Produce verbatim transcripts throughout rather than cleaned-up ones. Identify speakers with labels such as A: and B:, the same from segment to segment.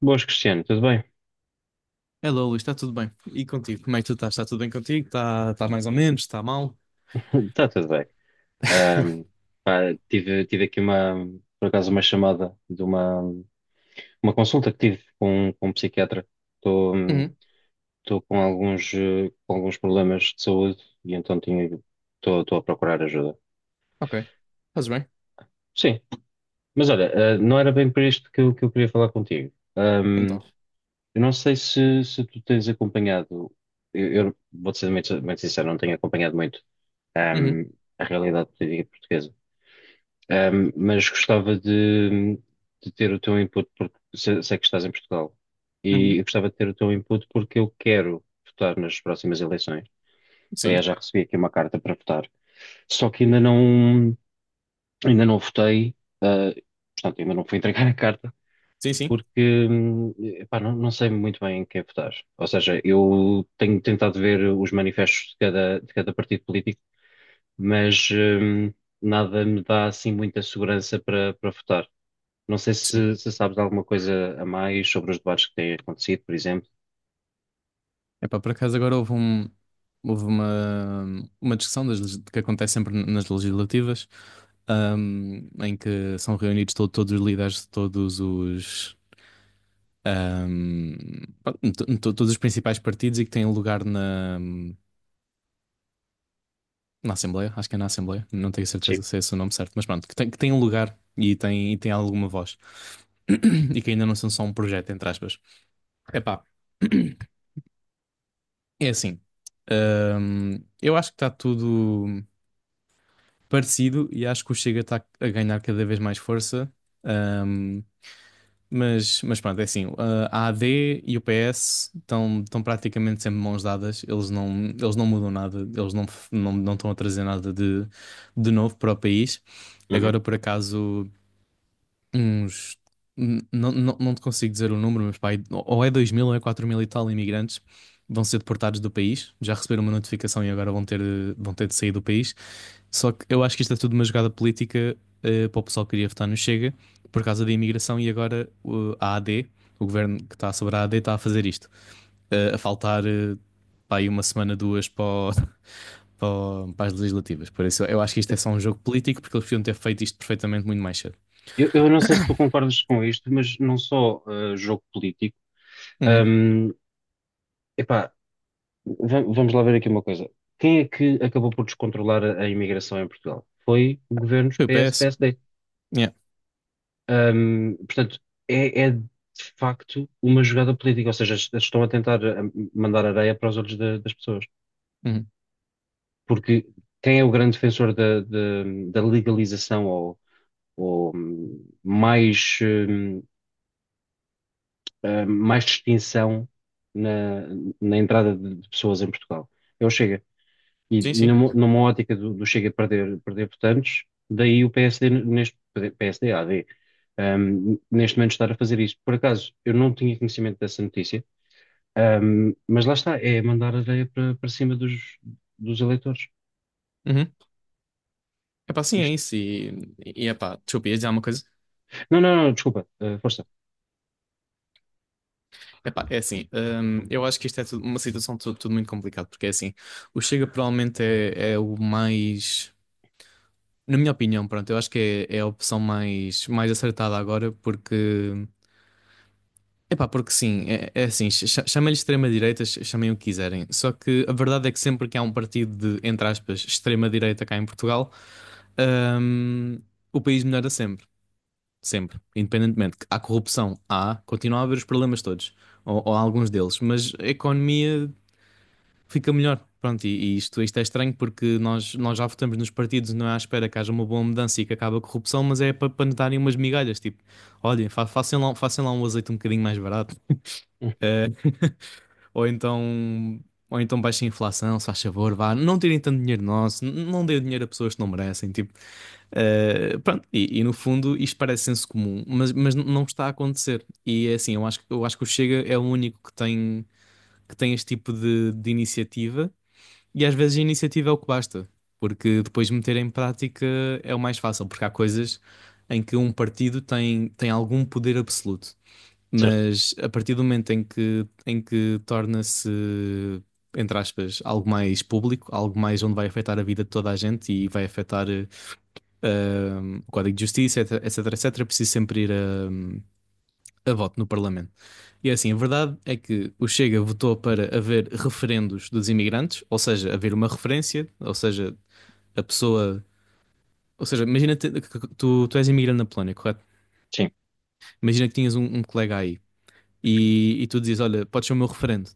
A: Boas, Cristiano, tudo bem?
B: Hello, Luís, está tudo bem? E contigo? Como é que tu estás? Está tudo bem contigo? Está tá mais ou menos? Está mal?
A: Está tudo bem. Ahm, pá, tive, tive aqui uma, por acaso, uma chamada de uma, uma consulta que tive com, com um psiquiatra. Estou hum,
B: Uhum,
A: estou com alguns, eh, com alguns problemas de saúde e então tinha, estou estou a procurar ajuda.
B: ok. Fazes bem?
A: Sim, mas olha, eh, não era bem para isto que eu, que eu queria falar contigo. Ahm,
B: Então.
A: eu não sei se, se tu tens acompanhado. Eu, eu vou-te ser muito, muito sincero, não tenho acompanhado muito,
B: Uhum,
A: ahm, a realidade política portuguesa. Ahm, mas gostava de, de ter o teu input, porque se- sei que estás em Portugal, e
B: uhum.
A: eu gostava de ter o teu input porque eu quero votar nas próximas eleições.
B: Sim,
A: Aliás, já recebi aqui uma carta para votar, só que ainda não, ainda não votei, ah, portanto, ainda não fui entregar a carta,
B: sim, sim.
A: porque, hum, epá, não, não sei muito bem em quem votar. Ou seja, eu tenho tentado ver os manifestos de cada, de cada partido político, mas, hum, nada me dá assim muita segurança para, para votar. Não sei
B: Sim.
A: se, se sabes alguma coisa a mais sobre os debates que têm acontecido, por exemplo.
B: Epá, por acaso agora houve um, houve uma, uma discussão das, legis- que acontece sempre nas legislativas, ahm, em que são reunidos to- todos os líderes de todos os, ahm, pronto, to- to- todos os principais partidos e que têm lugar na, Na Assembleia, acho que é na Assembleia, não tenho certeza
A: Sim.
B: se é esse o nome certo, mas pronto, que tem, que tem um lugar e tem, e tem alguma voz. E que ainda não são só um projeto, entre aspas. Epá, é assim. Hum, eu acho que está tudo parecido e acho que o Chega está a ganhar cada vez mais força. Hum, Mas, mas pronto, é assim, ah, a AD e o P S estão estão praticamente sempre mãos dadas, eles não, eles não mudam nada, eles não, f- não, não estão a trazer nada de, de novo para o país.
A: Uhum.
B: Agora, por acaso, uns. N- Não, não, não te consigo dizer o número, mas pá, ou é dois mil ou é quatro mil e tal imigrantes vão ser deportados do país. Já receberam uma notificação e agora vão ter, de- vão ter de sair do país. Só que eu acho que isto é tudo uma jogada política, eh, para o pessoal que queria votar no Chega por causa da imigração e agora o- a AD, o governo que está sobre a AD, está a fazer isto. Eh, a faltar, eh, pá, aí uma semana, duas para, o- para, o- para as legislativas. Por isso eu acho que isto é só um jogo político porque eles podiam ter feito isto perfeitamente muito mais cedo.
A: Eu, eu não sei se tu concordas com isto, mas não só eh, jogo político.
B: Uhum.
A: Hum, epá, va- vamos lá ver aqui uma coisa. Quem é que acabou por descontrolar a, a imigração em Portugal? Foi governos
B: Two
A: P S,
B: P S?
A: P S D.
B: Yeah.
A: Hum, portanto, é, é de facto uma jogada política, ou seja, est- estão a tentar, eh, mandar areia para os olhos da- das pessoas.
B: Uhum.
A: Porque quem é o grande defensor da, da- da legalização ou ou hum, mais, hum, ah, mais distinção na, na entrada de de pessoas em Portugal. É o Chega. E
B: Sim, sim.
A: numa, numa ótica do, do Chega, perder, perder votantes, daí o P S D, neste, P S D, A D, hum, neste momento estar a fazer isso. Por acaso, eu não tinha conhecimento dessa notícia, hum, mas lá está, é mandar areia para, para cima dos, dos eleitores.
B: Uhum. Epá, sim, é
A: Isto.
B: isso. E, e epá, desculpa, ia dizer uma coisa.
A: Não, não, não, desculpa, ah, força.
B: Epá, é assim, hum, eu acho que isto é tudo- uma situação tudo, tudo muito complicada, porque é assim, o Chega provavelmente é, é o mais, na minha opinião, pronto, eu acho que é, é a opção mais, mais acertada agora, porque, epá, porque sim, é, é assim, cha- chamem-lhe extrema-direita, ch- chamem o que quiserem, só que a verdade é que sempre que há um partido de, entre aspas, extrema-direita cá em Portugal, hum, o país melhora sempre. Sempre, independentemente. Há corrupção, há, continua a haver os problemas todos, ou, ou alguns deles, mas a economia fica melhor. Pronto, e, e isto, isto é estranho porque nós, nós já votamos nos partidos, não é à espera que haja uma boa mudança e que acabe a corrupção, mas é para, para nos darem umas migalhas, tipo, olhem, fa façam lá, façam lá um azeite um bocadinho mais barato,
A: Hum,
B: ou então, ou então baixem a inflação, se faz favor, vá, não tirem tanto dinheiro nosso, n- não deem dinheiro a pessoas que não merecem, tipo, Uh, pronto, e, e no fundo isto parece senso comum, mas, mas n- não está a acontecer. E é assim, eu acho, que- eu acho que o Chega é o único que tem, que tem este tipo de, de iniciativa, e às vezes a iniciativa é o que basta, porque depois meter em prática é o mais fácil, porque há coisas em que um partido tem, tem algum poder absoluto,
A: certo,
B: mas a partir do momento em que, em que torna-se, entre aspas, algo mais público, algo mais onde vai afetar a vida de toda a gente e vai afetar. Eh, um, o Código de Justiça, etc, etc, etc, preciso sempre ir a, a voto no Parlamento. E é assim, a verdade é que o Chega votou para haver referendos dos imigrantes, ou seja, haver uma referência, ou seja, a pessoa. Ou seja, imagina te- que tu, tu és imigrante na Polónia, correto?
A: sim,
B: Imagina que tinhas um, um colega aí, e, e tu dizes: Olha, podes ser o meu referente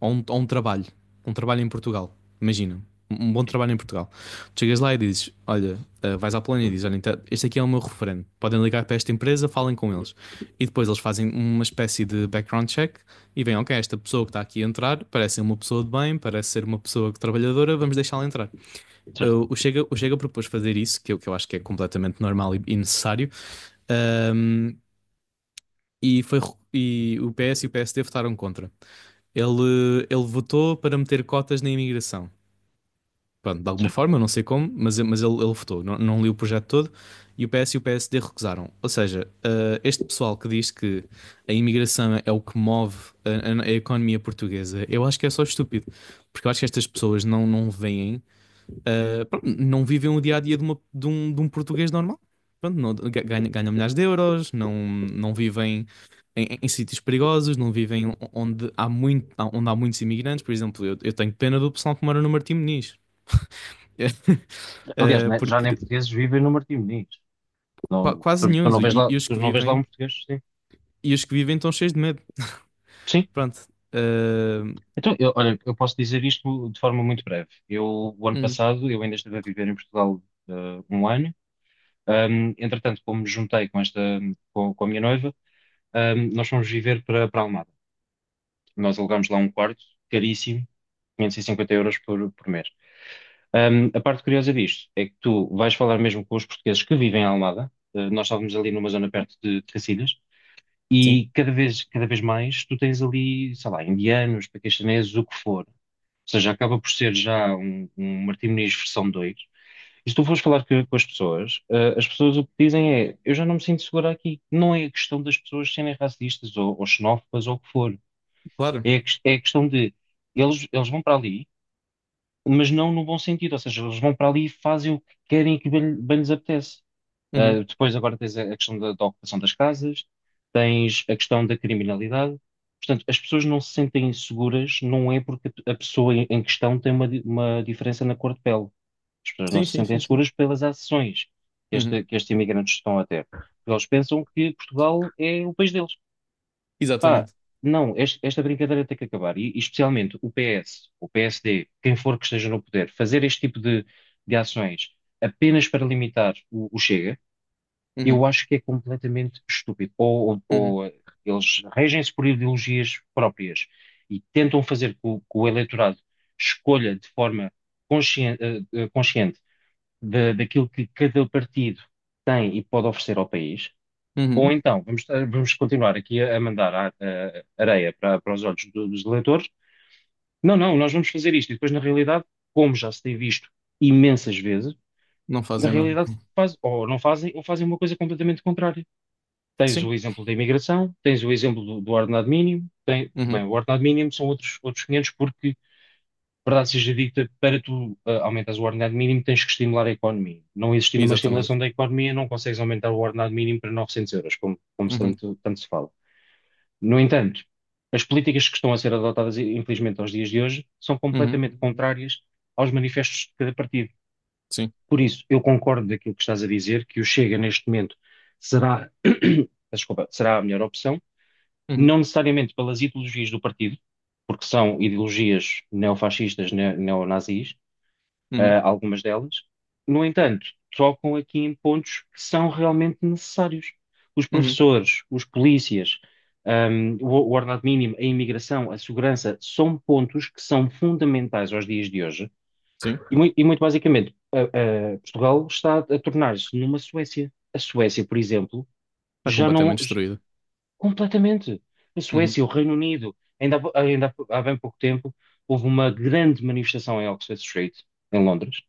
B: ou um, ou um trabalho, um trabalho em Portugal. Imagina, um um bom
A: sim,
B: trabalho em Portugal. Tu chegas lá e dizes: Olha, eh, vais à Polónia e dizes: Olha, então, este aqui é o meu referente. Podem ligar para esta empresa, falem com eles. E depois eles fazem uma espécie de background check e veem: Ok, esta pessoa que está aqui a entrar parece ser uma pessoa de bem, parece ser uma pessoa trabalhadora, vamos deixá-la entrar. Eh,
A: certo.
B: O Chega, o Chega propôs fazer isso, que eu, que eu acho que é completamente normal e, e necessário, ahm, e, foi, e o P S e o P S D votaram contra. Ele, ele votou para meter cotas na imigração. Pronto, de alguma forma, não sei como, mas, mas ele, ele votou. Não, não li o projeto todo e o P S e o P S D recusaram. Ou seja, eh, este pessoal que diz que a imigração é o que move a, a- a economia portuguesa, eu acho que é só estúpido. Porque eu acho que estas pessoas não, não veem Uh, pronto, não vivem o dia a dia de, uma- de um, de um português normal. Pronto, não- ganha- ganham milhares de euros, não, não vivem em, em- em sítios perigosos, não vivem onde há, muito, onde há muitos imigrantes. Por exemplo, eu, eu tenho pena do pessoal que mora no Martim Moniz,
A: Aliás,
B: Uh,
A: né, já nem
B: porque
A: portugueses vivem no Martim Moniz.
B: qua-
A: Não,
B: quase
A: tu,
B: nenhum,
A: tu não vês
B: e,
A: lá,
B: e os
A: tu
B: que
A: não vês lá um
B: vivem,
A: português, sim.
B: e os que vivem estão cheios de medo.
A: Sim.
B: Pronto, Uh,
A: Então, eu, olha, eu posso dizer isto de forma muito breve. Eu, o ano
B: hum,
A: passado, eu ainda estive a viver em Portugal, eh, um ano. Ahm, entretanto, como me juntei com esta, com, com a minha noiva, ahm, nós fomos viver para, para Almada. Nós alugámos lá um quarto, caríssimo, quinhentos e cinquenta euros por, por mês. Ahm, a parte curiosa disto é que tu vais falar mesmo com os portugueses que vivem em Almada. Eh, nós estávamos ali numa zona perto de Cacilhas.
B: sim,
A: E cada vez, cada vez mais tu tens ali, sei lá, indianos, paquistaneses, o que for. Ou seja, acaba por ser já um, um Martim Moniz versão dois. E se tu fores falar com, com as pessoas, eh, as pessoas o que dizem é: eu já não me sinto segura aqui. Não é a questão das pessoas serem racistas ou, ou xenófobas ou o que for.
B: claro.
A: É a, ques- é a questão de eles, eles vão para ali, mas não no bom sentido. Ou seja, eles vão para ali e fazem o que querem e que bem, bem lhes apetece.
B: Uhum.
A: Uh, depois agora tens a a questão da, da ocupação das casas, tens a questão da criminalidade. Portanto, as pessoas não se sentem seguras, não é porque a a pessoa em em questão tem uma, di- uma diferença na cor de pele. As pessoas não
B: Sim,
A: se
B: sim,
A: sentem
B: sim, sim.
A: seguras pelas ações que,
B: Uhum.
A: este- que estes imigrantes estão a ter. Porque eles pensam que Portugal é o país deles. Pá,
B: Exatamente.
A: não, este- esta brincadeira tem que acabar. E, e especialmente o P S, o P S D, quem for que esteja no poder, fazer este tipo de, de ações apenas para limitar o, o Chega, eu
B: Uhum.
A: acho que é completamente estúpido. Ou, ou-
B: Uhum.
A: ou eh, eles regem-se por ideologias próprias e tentam fazer com que o eleitorado escolha de forma conscien- eh, eh, consciente, da- daquilo que cada partido tem e pode oferecer ao país. Ou
B: Uhum.
A: então, vamos, eh, vamos continuar aqui a, a mandar a- a- areia para, para os olhos do- dos eleitores. Não, não, nós vamos fazer isto. E depois, na realidade, como já se tem visto imensas vezes,
B: Não
A: na
B: fazem nada.
A: realidade faz, ou não fazem, ou fazem uma coisa completamente contrária. Tens o
B: Sim.
A: exemplo da imigração, tens o exemplo do, do ordenado mínimo, tem- bem,
B: Uhum.
A: o ordenado mínimo são outros, outros quinhentos, porque, verdade seja dita, para tu ah, aumentares o ordenado mínimo tens que estimular a economia. Não existindo uma estimulação
B: Exatamente.
A: da economia, não consegues aumentar o ordenado mínimo para novecentos euros, como, como se
B: Uhum,
A: tanto, tanto se fala. No entanto, as políticas que estão a ser adotadas, infelizmente, aos dias de hoje, são
B: uhum,
A: completamente contrárias aos manifestos de cada partido.
B: sim.
A: Por isso, eu concordo daquilo que estás a dizer, que o Chega, neste momento, será, desculpa, será a melhor opção,
B: Uhum,
A: não necessariamente pelas ideologias do partido, porque são ideologias neofascistas, ne- neonazis,
B: uhum,
A: ah, algumas delas. No entanto, trocam aqui em pontos que são realmente necessários. Os
B: uhum,
A: professores, os polícias, ahm, o, o ordenado mínimo, a imigração, a segurança, são pontos que são fundamentais aos dias de hoje.
B: sim.
A: E, mui- e muito basicamente, a- a- Portugal está a tornar-se numa Suécia. A Suécia, por exemplo,
B: Está
A: já não.
B: completamente destruída.
A: Completamente. A
B: Uhum,
A: Suécia, o Reino Unido. Ainda, há- ainda há bem pouco tempo houve uma grande manifestação em Oxford Street, em Londres,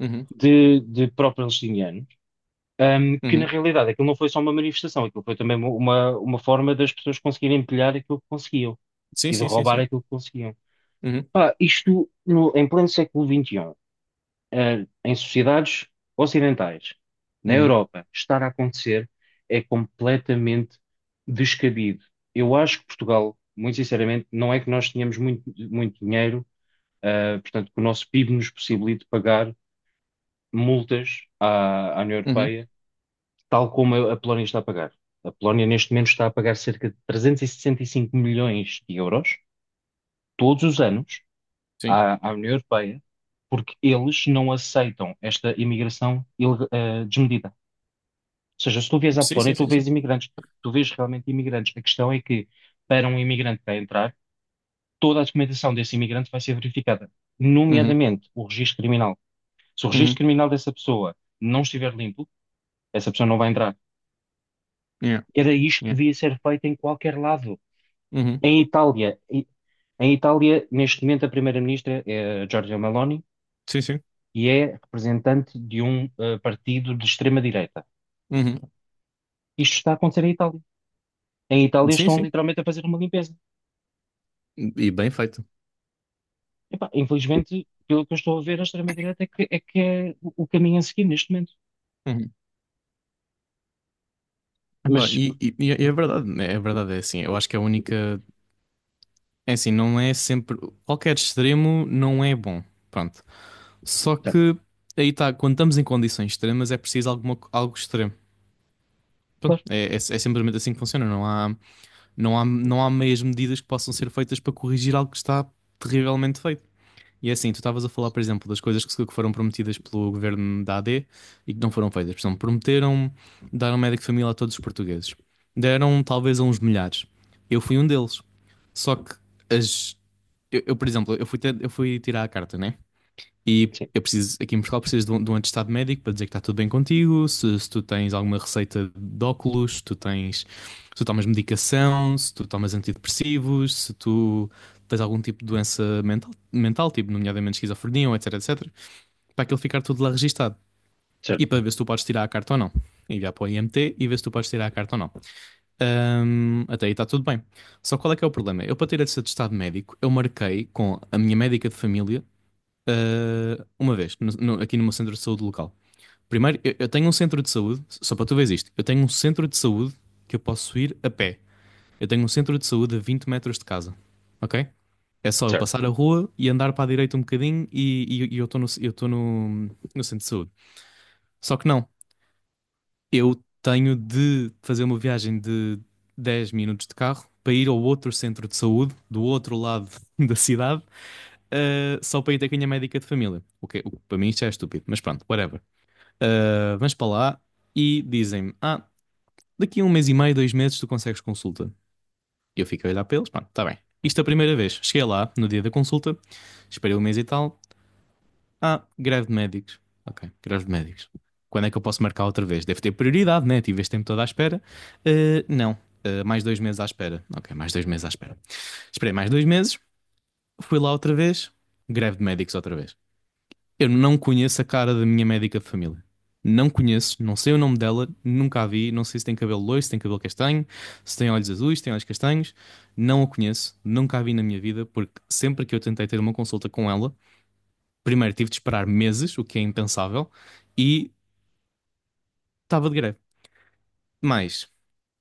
B: uhum,
A: de, de pró-palestinianos, ahm, que na
B: uhum.
A: realidade aquilo não foi só uma manifestação, aquilo foi também uma, uma forma das pessoas conseguirem empilhar aquilo que conseguiam
B: Sim,
A: e de
B: sim, sim,
A: roubar
B: sim.
A: aquilo que conseguiam.
B: Uhum,
A: Pá, isto no- em pleno século vinte e um, eh, em sociedades ocidentais, na
B: uhum,
A: Europa, estar a acontecer é completamente descabido. Eu acho que Portugal, muito sinceramente, não é que nós tenhamos muito, muito dinheiro, eh, portanto, que o nosso PIB nos possibilite pagar multas à, à União
B: uhum,
A: Europeia, tal como a, a Polónia está a pagar. A Polónia, neste momento, está a pagar cerca de trezentos e sessenta e cinco milhões de euros todos os anos
B: sim.
A: à, à União Europeia, porque eles não aceitam esta imigração ileg- eh, desmedida. Ou seja, se tu vês à
B: Sim, sim,
A: Polónia, tu
B: sim, sim.
A: vês imigrantes, tu vês realmente imigrantes. A questão é que, para um imigrante para entrar, toda a documentação desse imigrante vai ser verificada,
B: Uhum,
A: nomeadamente o registro criminal. Se o registro
B: uhum,
A: criminal dessa pessoa não estiver limpo, essa pessoa não vai entrar.
B: yeah,
A: Era isto que
B: yeah.
A: devia ser feito em qualquer lado.
B: Uhum,
A: Em Itália, em em Itália, neste momento, a primeira-ministra é a Giorgia Meloni,
B: sim, sim.
A: e é representante de um eh, partido de extrema-direita.
B: Uhum,
A: Isto está a acontecer em Itália. Em Itália
B: sim,
A: estão
B: sim.
A: literalmente a fazer uma limpeza.
B: E bem feito.
A: Epá, infelizmente, pelo que eu estou a ver, a extrema-direita é que é, que é o o caminho a seguir neste momento.
B: Uhum. Epá,
A: Mas,
B: e, e, e é verdade, né? É verdade, é assim. Eu acho que a única. É assim, não é sempre. Qualquer extremo não é bom. Pronto. Só
A: portanto,
B: que aí está, quando estamos em condições extremas, é preciso alguma, algo extremo. Pronto,
A: claro,
B: é, é, é simplesmente assim que funciona. Não há, não há, não há meias medidas que possam ser feitas para corrigir algo que está terrivelmente feito. E é assim, tu estavas a falar, por exemplo, das coisas que, se- que foram prometidas pelo governo da A D e que não foram feitas. Por exemplo, prometeram dar um médico de família a todos os portugueses. Deram talvez a uns milhares. Eu fui um deles. Só que as. Eu, eu, por exemplo, eu fui, ter- eu fui tirar a carta, né? E
A: sim,
B: eu preciso, aqui em Portugal, precisas de um, de um, atestado médico para dizer que está tudo bem contigo, se, se tu tens alguma receita de óculos, se tu tens, se tu tomas medicação, se tu tomas antidepressivos, se tu tens algum tipo de doença mental, mental tipo nomeadamente esquizofrenia, ou etc, etc, para aquilo ficar tudo lá registado
A: certo,
B: e para ver se tu podes tirar a carta ou não. Enviar para o I M T e ver se tu podes tirar a carta ou não. Ahm, até aí está tudo bem. Só qual é que é o problema? Eu, para ter esse atestado médico, eu marquei com a minha médica de família Uh, uma vez, no- no- aqui no meu centro de saúde local. Primeiro, eu, eu tenho um centro de saúde, só para tu veres isto, eu tenho um centro de saúde que eu posso ir a pé. Eu tenho um centro de saúde a vinte metros de casa, ok? É só eu
A: certo,
B: passar a rua e andar para a direita um bocadinho e, e- e eu estou no, eu estou no, no centro de saúde. Só que não, eu tenho de fazer uma viagem de dez minutos de carro para ir ao outro centro de saúde, do outro lado da cidade, uh, só para ir ter com a minha médica de família. O que, o que para mim isto já é estúpido, mas pronto, whatever. Ah, vamos para lá e dizem-me: Ah, daqui a um mês e meio, dois meses, tu consegues consulta. Eu fico a olhar para eles, pronto, está bem. Isto é a primeira vez. Cheguei lá no dia da consulta, esperei um mês e tal. Ah, greve de médicos. Ok, greve de médicos. Quando é que eu posso marcar outra vez? Deve ter prioridade, né? Tive este tempo todo à espera. Ah, não, Ah, mais dois meses à espera. Ok, mais dois meses à espera. Esperei mais dois meses, fui lá outra vez, greve de médicos outra vez. Eu não conheço a cara da minha médica de família. Não conheço, não sei o nome dela, nunca a vi, não sei se tem cabelo loiro, se tem cabelo castanho, se tem olhos azuis, se tem olhos castanhos. Não a conheço, nunca a vi na minha vida, porque sempre que eu tentei ter uma consulta com ela, primeiro tive de esperar meses, o que é impensável, e estava de greve. Mas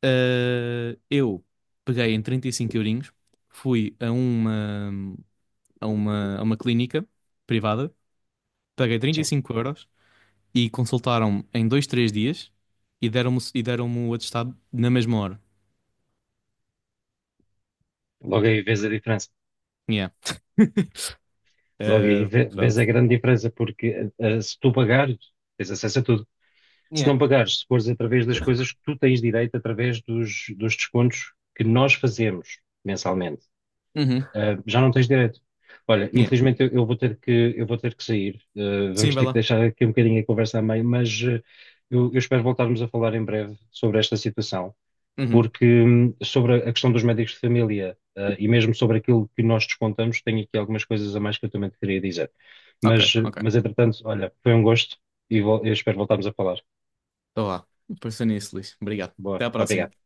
B: ah, eu peguei em trinta e cinco eurinhos, fui a uma, a uma, a uma clínica privada, paguei 35
A: sim.
B: euros e consultaram-me em dois, três dias e deram-me e deram-me o atestado na mesma hora.
A: Logo aí vês a diferença.
B: Yeah.
A: Logo aí
B: Eh,
A: vê- vês
B: pronto.
A: a grande diferença, porque eh, eh, se tu pagares, tens acesso a tudo. Se não
B: Yeah.
A: pagares, se fores através das coisas que tu tens direito, através dos, dos descontos que nós fazemos mensalmente.
B: Uhum.
A: Ah, já não tens direito. Olha,
B: Yeah.
A: infelizmente eu, eu vou ter que, eu vou ter que sair. Ah,
B: Sim,
A: vamos
B: vai
A: ter que
B: lá.
A: deixar aqui um bocadinho a conversa a meio, mas ah, eu, eu espero voltarmos a falar em breve sobre esta situação,
B: Uhum.
A: porque hum, sobre a questão dos médicos de família, ah, e mesmo sobre aquilo que nós descontamos, tenho aqui algumas coisas a mais que eu também te queria dizer.
B: Ok,
A: Mas, eh,
B: ok.
A: mas entretanto, olha, foi um gosto e vol- eu espero voltarmos a falar.
B: Então lá. Pensei nisso, Luís. Obrigado.
A: Boa,
B: Até à
A: obrigado.
B: próxima.